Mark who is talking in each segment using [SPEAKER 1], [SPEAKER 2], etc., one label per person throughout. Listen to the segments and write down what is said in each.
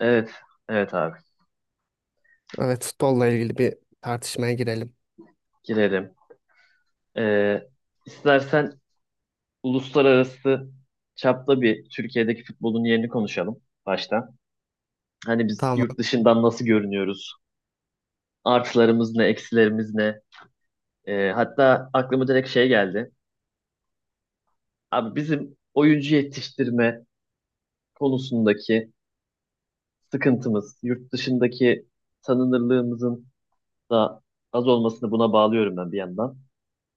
[SPEAKER 1] Evet, evet abi.
[SPEAKER 2] Evet, futbolla ilgili bir tartışmaya girelim.
[SPEAKER 1] Girelim. Ee, istersen uluslararası çapta bir Türkiye'deki futbolun yerini konuşalım başta. Hani biz yurt
[SPEAKER 2] Tamam.
[SPEAKER 1] dışından nasıl görünüyoruz? Artılarımız ne, eksilerimiz ne? Hatta aklıma direkt şey geldi. Abi bizim oyuncu yetiştirme konusundaki sıkıntımız, yurt dışındaki tanınırlığımızın da az olmasını buna bağlıyorum ben bir yandan.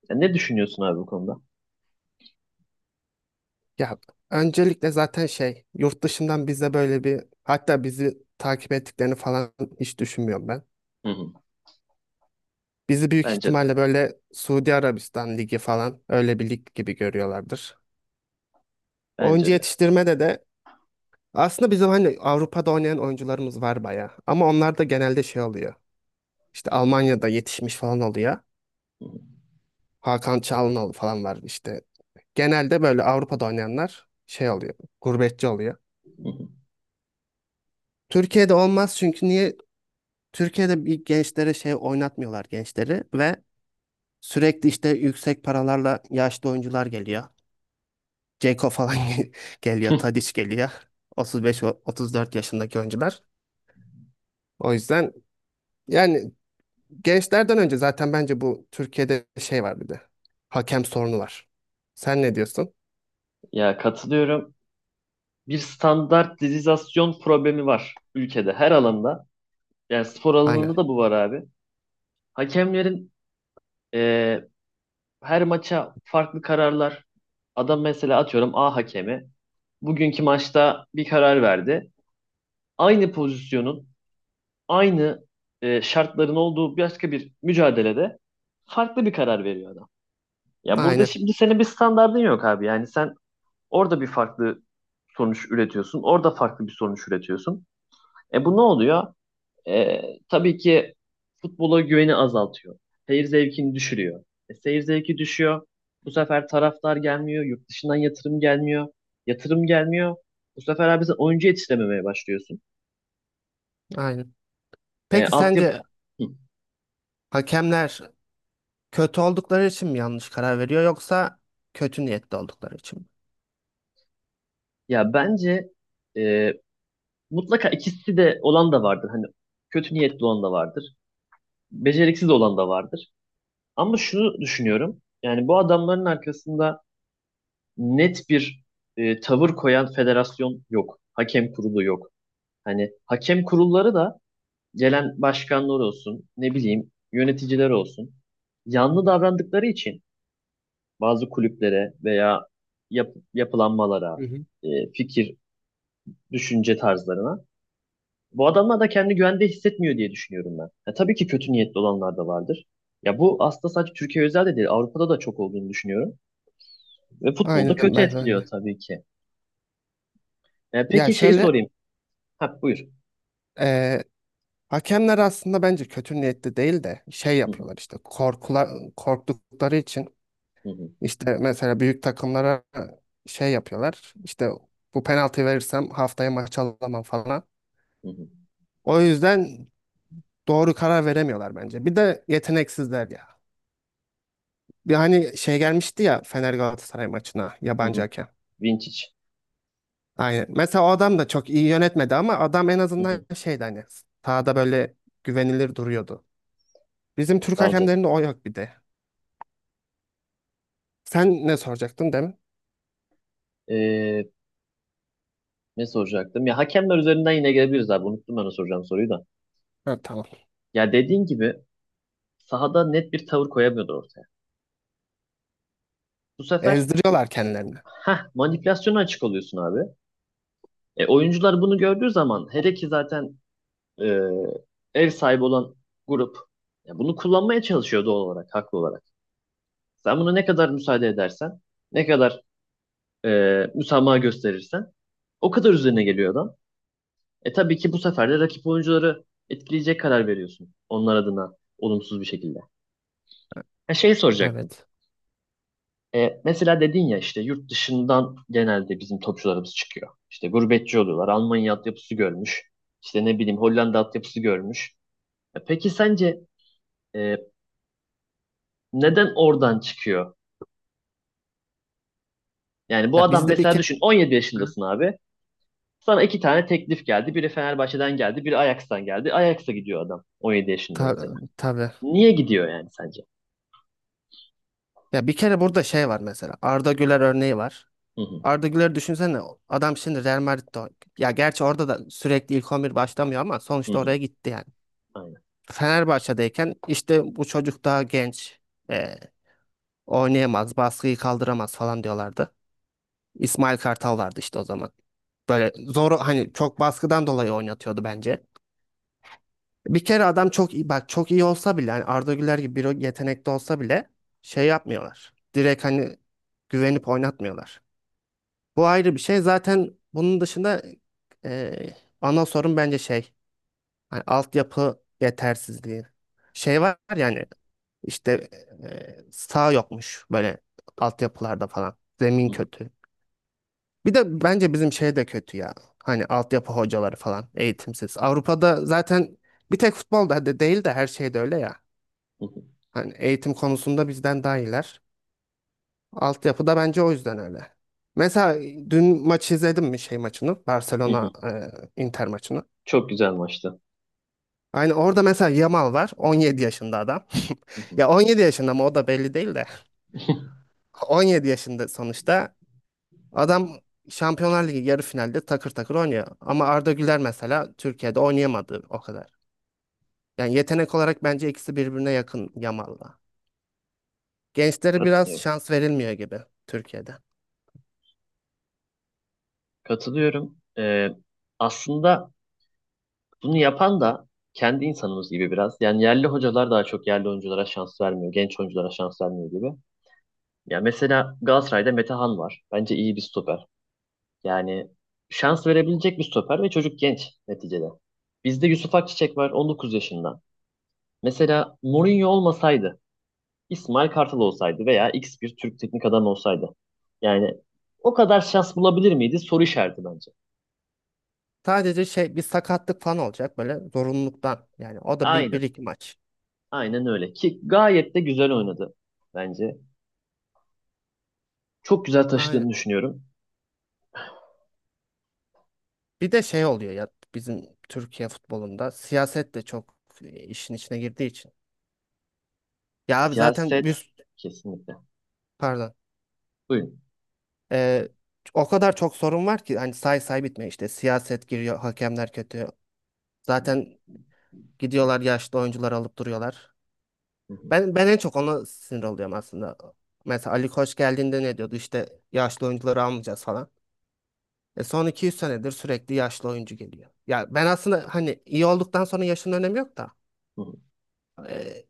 [SPEAKER 1] Ya ne düşünüyorsun abi bu konuda?
[SPEAKER 2] Ya öncelikle zaten şey, yurt dışından bize böyle bir hatta bizi takip ettiklerini falan hiç düşünmüyorum ben.
[SPEAKER 1] Hı hı.
[SPEAKER 2] Bizi büyük
[SPEAKER 1] Bence de,
[SPEAKER 2] ihtimalle böyle Suudi Arabistan Ligi falan öyle bir lig gibi görüyorlardır.
[SPEAKER 1] bence
[SPEAKER 2] Oyuncu
[SPEAKER 1] de.
[SPEAKER 2] yetiştirmede de aslında bizim hani Avrupa'da oynayan oyuncularımız var bayağı. Ama onlar da genelde şey oluyor. İşte Almanya'da yetişmiş falan oluyor.
[SPEAKER 1] Hı hı.
[SPEAKER 2] Hakan Çalhanoğlu falan var işte. Genelde böyle Avrupa'da oynayanlar şey oluyor, gurbetçi oluyor.
[SPEAKER 1] Hı hı.
[SPEAKER 2] Türkiye'de olmaz çünkü niye? Türkiye'de bir gençlere şey oynatmıyorlar gençleri ve sürekli işte yüksek paralarla yaşlı oyuncular geliyor. Ceko falan geliyor, Tadiç geliyor. 35-34 yaşındaki oyuncular. O yüzden yani gençlerden önce zaten bence bu Türkiye'de şey var bir de. Hakem sorunu var. Sen ne diyorsun?
[SPEAKER 1] Ya katılıyorum. Bir standartizasyon problemi var ülkede her alanda. Yani spor
[SPEAKER 2] Aynen.
[SPEAKER 1] alanında da bu var abi. Hakemlerin e, her maça farklı kararlar. Adam mesela atıyorum A hakemi bugünkü maçta bir karar verdi. Aynı pozisyonun, aynı şartların olduğu başka bir mücadelede farklı bir karar veriyor adam. Ya burada
[SPEAKER 2] Aynen.
[SPEAKER 1] şimdi senin bir standardın yok abi. Yani sen orada bir farklı sonuç üretiyorsun, orada farklı bir sonuç üretiyorsun. E, bu ne oluyor? E, tabii ki futbola güveni azaltıyor. Seyir zevkini düşürüyor. E, seyir zevki düşüyor. Bu sefer taraftar gelmiyor. Yurt dışından yatırım gelmiyor. Yatırım gelmiyor. Bu sefer abi sen oyuncu yetiştirememeye başlıyorsun.
[SPEAKER 2] Aynen.
[SPEAKER 1] E,
[SPEAKER 2] Peki
[SPEAKER 1] altyapı...
[SPEAKER 2] sence
[SPEAKER 1] Hı.
[SPEAKER 2] hakemler kötü oldukları için mi yanlış karar veriyor yoksa kötü niyetli oldukları için mi?
[SPEAKER 1] Ya bence e, mutlaka ikisi de olan da vardır. Hani kötü niyetli olan da vardır. Beceriksiz olan da vardır. Ama şunu düşünüyorum. Yani bu adamların arkasında net bir tavır koyan federasyon yok. Hakem kurulu yok. Hani hakem kurulları da gelen başkanlar olsun, ne bileyim yöneticiler olsun. Yanlı davrandıkları için bazı kulüplere veya yapılanmalara,
[SPEAKER 2] Hı hı.
[SPEAKER 1] fikir, düşünce tarzlarına bu adamlar da kendi güvende hissetmiyor diye düşünüyorum ben. Ya, tabii ki kötü niyetli olanlar da vardır. Ya bu aslında sadece Türkiye özel de değil, Avrupa'da da çok olduğunu düşünüyorum. Ve futbolda
[SPEAKER 2] Aynen, ben
[SPEAKER 1] kötü
[SPEAKER 2] ben
[SPEAKER 1] etkiliyor
[SPEAKER 2] de.
[SPEAKER 1] tabii ki. E,
[SPEAKER 2] Ya
[SPEAKER 1] peki şeyi
[SPEAKER 2] şöyle
[SPEAKER 1] sorayım. Ha, buyur.
[SPEAKER 2] eee, hakemler aslında bence kötü niyetli değil de şey
[SPEAKER 1] Hı hı,
[SPEAKER 2] yapıyorlar işte korktukları için.
[SPEAKER 1] hı hı,
[SPEAKER 2] İşte mesela büyük takımlara şey yapıyorlar. İşte bu penaltı verirsem haftaya maç alamam falan.
[SPEAKER 1] hı hı,
[SPEAKER 2] O yüzden doğru karar veremiyorlar bence. Bir de yeteneksizler ya. Bir hani şey gelmişti ya Fener Galatasaray maçına
[SPEAKER 1] hı
[SPEAKER 2] yabancı
[SPEAKER 1] hı.
[SPEAKER 2] hakem.
[SPEAKER 1] Vintage.
[SPEAKER 2] Aynen. Mesela o adam da çok iyi yönetmedi ama adam en
[SPEAKER 1] Hı
[SPEAKER 2] azından
[SPEAKER 1] hı.
[SPEAKER 2] şeydi hani sahada böyle güvenilir duruyordu. Bizim Türk
[SPEAKER 1] Bence de.
[SPEAKER 2] hakemlerinde o yok bir de. Sen ne soracaktın değil mi?
[SPEAKER 1] Ee, ne soracaktım? Ya hakemler üzerinden yine gelebiliriz abi. Unuttum ben o soracağım soruyu da.
[SPEAKER 2] Ha, tamam.
[SPEAKER 1] Ya dediğin gibi sahada net bir tavır koyamıyordu ortaya. Bu sefer
[SPEAKER 2] Ezdiriyorlar kendilerini.
[SPEAKER 1] manipülasyona açık oluyorsun abi. E, oyuncular bunu gördüğü zaman hele ki zaten e, ev sahibi olan grup ya bunu kullanmaya çalışıyor doğal olarak, haklı olarak. Sen buna ne kadar müsaade edersen, ne kadar e, müsamaha gösterirsen o kadar üzerine geliyor adam. E tabii ki bu sefer de rakip oyuncuları etkileyecek karar veriyorsun. Onlar adına olumsuz bir şekilde. Ha şey soracaktım.
[SPEAKER 2] Evet.
[SPEAKER 1] E, mesela dedin ya işte yurt dışından genelde bizim topçularımız çıkıyor. İşte gurbetçi oluyorlar. Almanya altyapısı görmüş. İşte ne bileyim Hollanda altyapısı görmüş. E, peki sence e, neden oradan çıkıyor? Yani bu
[SPEAKER 2] Ya
[SPEAKER 1] adam
[SPEAKER 2] bizde bir
[SPEAKER 1] mesela
[SPEAKER 2] kere.
[SPEAKER 1] düşün 17 yaşındasın abi. Sana iki tane teklif geldi. Biri Fenerbahçe'den geldi, biri Ajax'tan geldi. Ajax'a gidiyor adam 17 yaşında
[SPEAKER 2] Ta-
[SPEAKER 1] mesela.
[SPEAKER 2] tabii.
[SPEAKER 1] Niye gidiyor yani sence?
[SPEAKER 2] Ya bir kere burada şey var mesela. Arda Güler örneği var.
[SPEAKER 1] Hı hı.
[SPEAKER 2] Arda Güler düşünsene adam şimdi Real Madrid'de oynuyor. Ya gerçi orada da sürekli ilk 11 başlamıyor ama
[SPEAKER 1] Hı
[SPEAKER 2] sonuçta oraya gitti yani.
[SPEAKER 1] hı.
[SPEAKER 2] Fenerbahçe'deyken işte bu çocuk daha genç. e, Oynayamaz, baskıyı kaldıramaz falan diyorlardı. İsmail Kartal vardı işte o zaman. Böyle zor hani çok baskıdan dolayı oynatıyordu bence. Bir kere adam çok iyi bak çok iyi olsa bile hani Arda Güler gibi bir yetenekli olsa bile şey yapmıyorlar. Direkt hani güvenip oynatmıyorlar. Bu ayrı bir şey. Zaten bunun dışında ana sorun bence şey. Hani altyapı yetersizliği. Şey var yani işte sağ yokmuş böyle altyapılarda falan. Zemin
[SPEAKER 1] Hı
[SPEAKER 2] kötü. Bir de bence bizim şey de kötü ya. Hani altyapı hocaları falan eğitimsiz. Avrupa'da zaten bir tek futbolda de değil de her şeyde öyle ya.
[SPEAKER 1] hı
[SPEAKER 2] Hani eğitim konusunda bizden daha iyiler. Altyapı da bence o yüzden öyle. Mesela dün maçı izledim mi şey maçını?
[SPEAKER 1] hı
[SPEAKER 2] Barcelona
[SPEAKER 1] hı.
[SPEAKER 2] Inter maçını.
[SPEAKER 1] Çok güzel maçtı.
[SPEAKER 2] Aynı orada mesela Yamal var. 17 yaşında adam.
[SPEAKER 1] Hı hı.
[SPEAKER 2] Ya 17 yaşında mı o da belli değil de. 17 yaşında sonuçta. Adam Şampiyonlar Ligi yarı finalde takır takır oynuyor. Ama Arda Güler mesela Türkiye'de oynayamadı o kadar. Yani yetenek olarak bence ikisi birbirine yakın Yamal'la. Gençlere biraz
[SPEAKER 1] Katılıyorum.
[SPEAKER 2] şans verilmiyor gibi Türkiye'de.
[SPEAKER 1] Katılıyorum. Aslında bunu yapan da kendi insanımız gibi biraz. Yani yerli hocalar daha çok yerli oyunculara şans vermiyor. Genç oyunculara şans vermiyor gibi. Ya mesela Galatasaray'da Metehan var. Bence iyi bir stoper. Yani şans verebilecek bir stoper ve çocuk genç neticede. Bizde Yusuf Akçiçek var 19 yaşında. Mesela Mourinho olmasaydı İsmail Kartal olsaydı veya X bir Türk teknik adam olsaydı. Yani o kadar şans bulabilir miydi? Soru işareti bence.
[SPEAKER 2] Sadece şey bir sakatlık falan olacak böyle zorunluluktan. Yani o da
[SPEAKER 1] Aynen.
[SPEAKER 2] bir iki maç.
[SPEAKER 1] Aynen öyle. Ki gayet de güzel oynadı bence. Çok güzel
[SPEAKER 2] Aynen.
[SPEAKER 1] taşıdığını düşünüyorum.
[SPEAKER 2] Bir de şey oluyor ya bizim Türkiye futbolunda siyaset de çok işin içine girdiği için. Ya abi zaten
[SPEAKER 1] Siyaset
[SPEAKER 2] biz,
[SPEAKER 1] kesinlikle.
[SPEAKER 2] pardon.
[SPEAKER 1] Buyurun.
[SPEAKER 2] Ee, O kadar çok sorun var ki hani say say bitmiyor. İşte siyaset giriyor, hakemler kötü, zaten gidiyorlar, yaşlı oyuncular alıp duruyorlar.
[SPEAKER 1] Hı hı,
[SPEAKER 2] Ben en çok ona sinir oluyorum aslında. Mesela Ali Koç geldiğinde ne diyordu? İşte yaşlı oyuncuları almayacağız falan. Son 200 senedir sürekli yaşlı oyuncu geliyor ya. Ben aslında hani iyi olduktan sonra yaşın önemi yok da
[SPEAKER 1] hı hı.
[SPEAKER 2] e,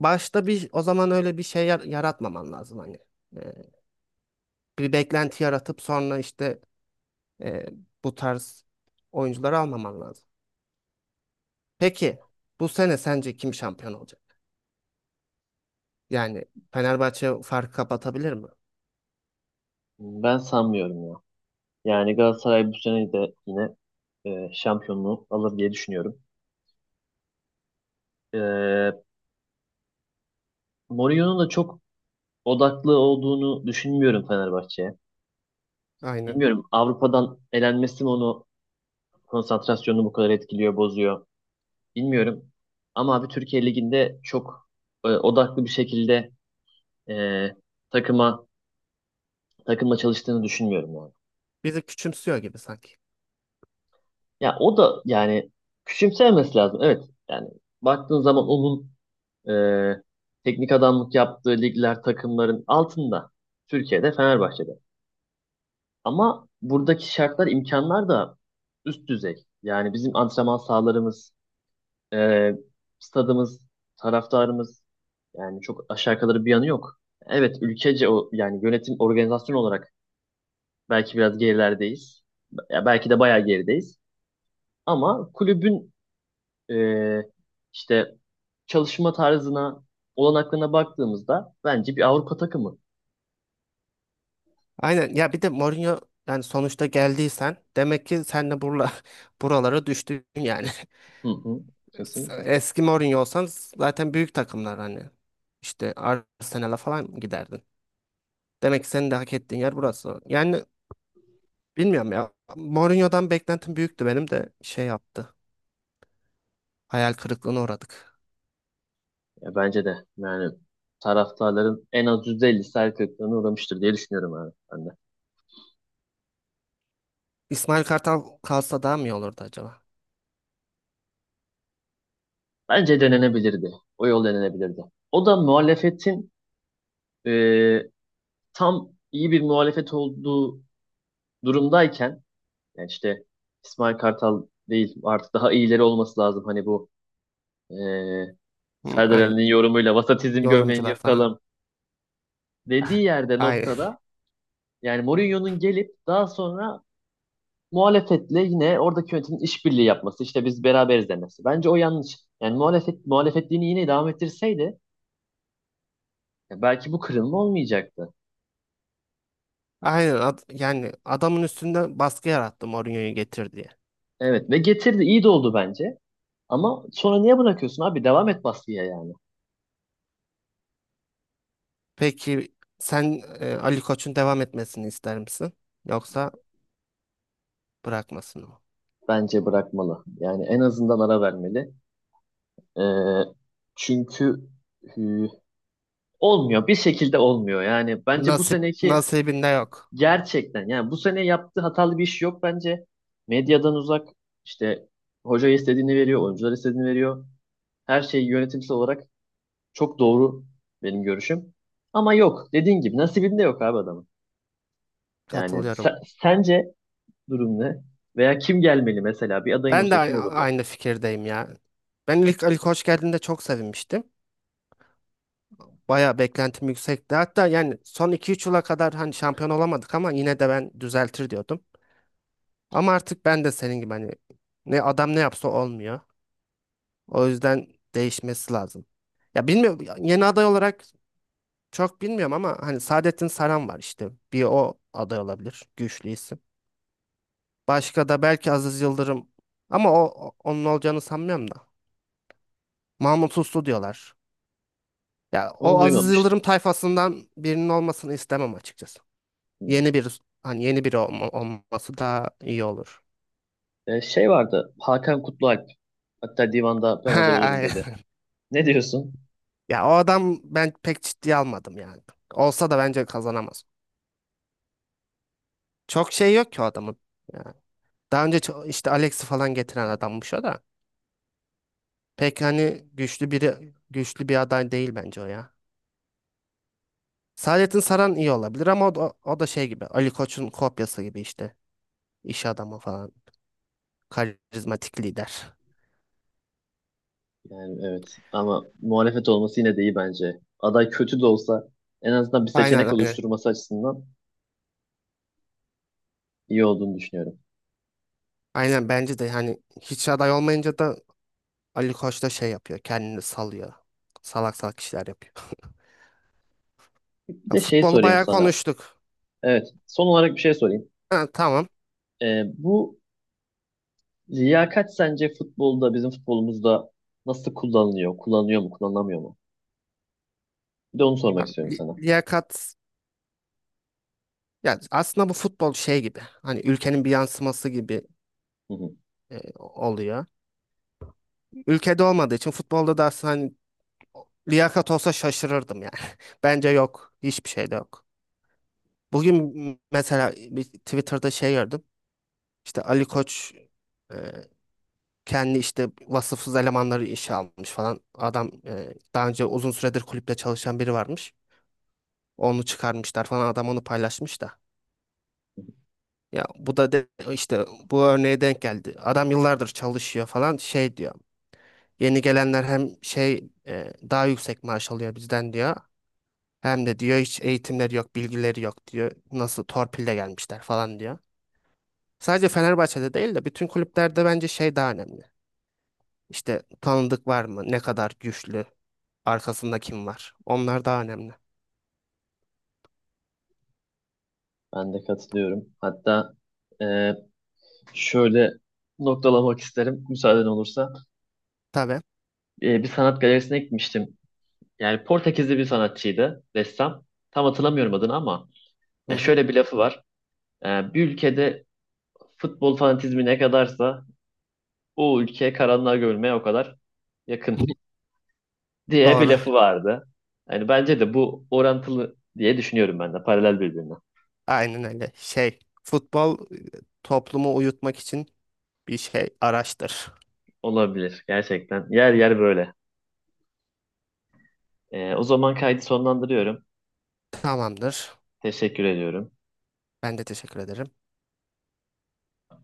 [SPEAKER 2] başta bir o zaman öyle bir şey yaratmaman lazım hani. E, Bir beklenti yaratıp sonra işte e, bu tarz oyuncuları almaman lazım. Peki bu sene sence kim şampiyon olacak? Yani Fenerbahçe farkı kapatabilir mi?
[SPEAKER 1] Ben sanmıyorum ya. Yani Galatasaray bu sene de yine şampiyonluğu alır diye düşünüyorum. E, Mourinho'nun da çok odaklı olduğunu düşünmüyorum Fenerbahçe'ye.
[SPEAKER 2] Aynen.
[SPEAKER 1] Bilmiyorum Avrupa'dan elenmesi mi onu konsantrasyonunu bu kadar etkiliyor, bozuyor. Bilmiyorum. Ama abi Türkiye Ligi'nde çok odaklı bir şekilde e, takıma takımla çalıştığını düşünmüyorum yani.
[SPEAKER 2] Bizi küçümsüyor gibi sanki.
[SPEAKER 1] Ya o da yani küçümsemesi lazım. Evet. Yani baktığın zaman onun e, teknik adamlık yaptığı ligler takımların altında. Türkiye'de Fenerbahçe'de. Ama buradaki şartlar, imkanlar da üst düzey. Yani bizim antrenman sahalarımız, e, stadımız, taraftarımız. Yani çok aşağı yukarı bir yanı yok. Evet ülkece o yani yönetim organizasyon olarak belki biraz gerilerdeyiz. Ya belki de bayağı gerideyiz. Ama kulübün e, işte çalışma tarzına, olanaklarına baktığımızda bence bir Avrupa takımı.
[SPEAKER 2] Aynen ya bir de Mourinho yani sonuçta geldiysen demek ki sen de buralara düştün yani.
[SPEAKER 1] Hı hı, kesinlikle.
[SPEAKER 2] Eski Mourinho olsan zaten büyük takımlar hani işte Arsenal'a falan giderdin. Demek ki senin de hak ettiğin yer burası. Yani bilmiyorum ya Mourinho'dan beklentim büyüktü benim de şey yaptı. Hayal kırıklığına uğradık.
[SPEAKER 1] Ya bence de yani taraftarların en az %50'si hayal kırıklığına uğramıştır diye düşünüyorum abi ben de.
[SPEAKER 2] İsmail Kartal kalsa daha mı iyi olurdu acaba?
[SPEAKER 1] Bence denenebilirdi. O yol denenebilirdi. O da muhalefetin e, tam iyi bir muhalefet olduğu durumdayken yani işte İsmail Kartal değil artık daha iyileri olması lazım. Hani bu e,
[SPEAKER 2] Hı,
[SPEAKER 1] Serdar
[SPEAKER 2] aynen.
[SPEAKER 1] Ali'nin yorumuyla vasatizm gömleğini
[SPEAKER 2] Yorumcular falan.
[SPEAKER 1] yırtalım dediği yerde
[SPEAKER 2] Aynen.
[SPEAKER 1] noktada yani Mourinho'nun gelip daha sonra muhalefetle yine oradaki yönetimin işbirliği yapması işte biz beraberiz demesi. Bence o yanlış. Yani muhalefet muhalefetliğini yine devam ettirseydi ya belki bu kırılma olmayacaktı.
[SPEAKER 2] Aynen. Yani adamın üstünde baskı yarattı Mourinho'yu getir diye.
[SPEAKER 1] Evet ve getirdi iyi de oldu bence. Ama sonra niye bırakıyorsun abi? Devam et baskıya yani.
[SPEAKER 2] Peki sen Ali Koç'un devam etmesini ister misin? Yoksa bırakmasını mı?
[SPEAKER 1] Bence bırakmalı. Yani en azından ara vermeli. Ee, çünkü hü, olmuyor. Bir şekilde olmuyor. Yani bence bu
[SPEAKER 2] Nasip
[SPEAKER 1] seneki
[SPEAKER 2] nasibinde yok.
[SPEAKER 1] gerçekten yani bu sene yaptığı hatalı bir iş yok bence. Medyadan uzak işte hoca istediğini veriyor, oyuncular istediğini veriyor. Her şey yönetimsel olarak çok doğru benim görüşüm. Ama yok. Dediğin gibi nasibinde yok abi adamın. Yani
[SPEAKER 2] Katılıyorum.
[SPEAKER 1] sence durum ne? Veya kim gelmeli mesela? Bir adayın
[SPEAKER 2] Ben de
[SPEAKER 1] olsa kim olurdu?
[SPEAKER 2] aynı fikirdeyim ya. Ben ilk Ali Koç geldiğinde çok sevinmiştim. Bayağı beklentim yüksekti. Hatta yani son iki üç yıla kadar hani şampiyon olamadık ama yine de ben düzeltir diyordum. Ama artık ben de senin gibi hani ne adam ne yapsa olmuyor. O yüzden değişmesi lazım. Ya bilmiyorum yeni aday olarak çok bilmiyorum ama hani Saadettin Saran var işte. Bir o aday olabilir. Güçlü isim. Başka da belki Aziz Yıldırım ama onun olacağını sanmıyorum da. Mahmut Uslu diyorlar. Ya
[SPEAKER 1] Onu
[SPEAKER 2] o Aziz
[SPEAKER 1] duymamıştım.
[SPEAKER 2] Yıldırım tayfasından birinin olmasını istemem açıkçası.
[SPEAKER 1] Hı.
[SPEAKER 2] Yeni bir hani yeni biri olması daha iyi olur.
[SPEAKER 1] Şey vardı. Hakan Kutlualp. Hatta divanda ben aday
[SPEAKER 2] Ha,
[SPEAKER 1] olurum dedi.
[SPEAKER 2] aynen.
[SPEAKER 1] Ne diyorsun?
[SPEAKER 2] Ya o adam ben pek ciddiye almadım yani. Olsa da bence kazanamaz. Çok şey yok ki o adamın. Daha önce işte Alex'i falan getiren adammış o da. Pek hani güçlü biri güçlü bir aday değil bence o ya. Saadettin Saran iyi olabilir ama o da şey gibi Ali Koç'un kopyası gibi işte. İş adamı falan. Karizmatik lider.
[SPEAKER 1] Yani evet. Ama muhalefet olması yine de iyi bence. Aday kötü de olsa en azından bir
[SPEAKER 2] Aynen
[SPEAKER 1] seçenek
[SPEAKER 2] aynen.
[SPEAKER 1] oluşturması açısından iyi olduğunu düşünüyorum.
[SPEAKER 2] Aynen bence de hani hiç aday olmayınca da Ali Koç da şey yapıyor. Kendini salıyor. Salak salak işler yapıyor.
[SPEAKER 1] Bir
[SPEAKER 2] Ya
[SPEAKER 1] de şey
[SPEAKER 2] futbolu
[SPEAKER 1] sorayım
[SPEAKER 2] bayağı
[SPEAKER 1] sana.
[SPEAKER 2] konuştuk.
[SPEAKER 1] Evet. Son olarak bir şey sorayım.
[SPEAKER 2] Ha, tamam.
[SPEAKER 1] Bu liyakat sence futbolda, bizim futbolumuzda nasıl kullanılıyor? Kullanılıyor mu, kullanılamıyor mu? Bir de onu sormak
[SPEAKER 2] Abi,
[SPEAKER 1] istiyorum sana.
[SPEAKER 2] liyakat ya aslında bu futbol şey gibi. Hani ülkenin bir yansıması gibi
[SPEAKER 1] Hı hı.
[SPEAKER 2] oluyor. Ülkede olmadığı için futbolda da aslında hani liyakat olsa şaşırırdım yani. Bence yok. Hiçbir şey de yok. Bugün mesela bir Twitter'da şey gördüm. İşte Ali Koç e, kendi işte vasıfsız elemanları işe almış falan. Adam daha önce uzun süredir kulüpte çalışan biri varmış. Onu çıkarmışlar falan. Adam onu paylaşmış da. Ya bu da işte bu örneğe denk geldi. Adam yıllardır çalışıyor falan şey diyor. Yeni gelenler hem şey daha yüksek maaş alıyor bizden diyor. Hem de diyor hiç eğitimleri yok, bilgileri yok diyor. Nasıl torpille gelmişler falan diyor. Sadece Fenerbahçe'de değil de bütün kulüplerde bence şey daha önemli. İşte tanıdık var mı? Ne kadar güçlü? Arkasında kim var? Onlar daha önemli.
[SPEAKER 1] Ben de katılıyorum. Hatta e, şöyle noktalamak isterim müsaaden olursa.
[SPEAKER 2] Tabii.
[SPEAKER 1] Bir sanat galerisine gitmiştim. Yani Portekizli bir sanatçıydı, ressam. Tam hatırlamıyorum adını ama
[SPEAKER 2] Hı hı.
[SPEAKER 1] şöyle bir lafı var. E, bir ülkede futbol fanatizmi ne kadarsa o ülke karanlığa görülmeye o kadar yakın diye bir
[SPEAKER 2] Doğru.
[SPEAKER 1] lafı vardı. Yani bence de bu orantılı diye düşünüyorum ben de paralel birbirine.
[SPEAKER 2] Aynen öyle. Şey, futbol toplumu uyutmak için bir şey araçtır.
[SPEAKER 1] Olabilir gerçekten. Yer yer böyle. E, o zaman kaydı sonlandırıyorum.
[SPEAKER 2] Tamamdır.
[SPEAKER 1] Teşekkür ediyorum.
[SPEAKER 2] Ben de teşekkür ederim.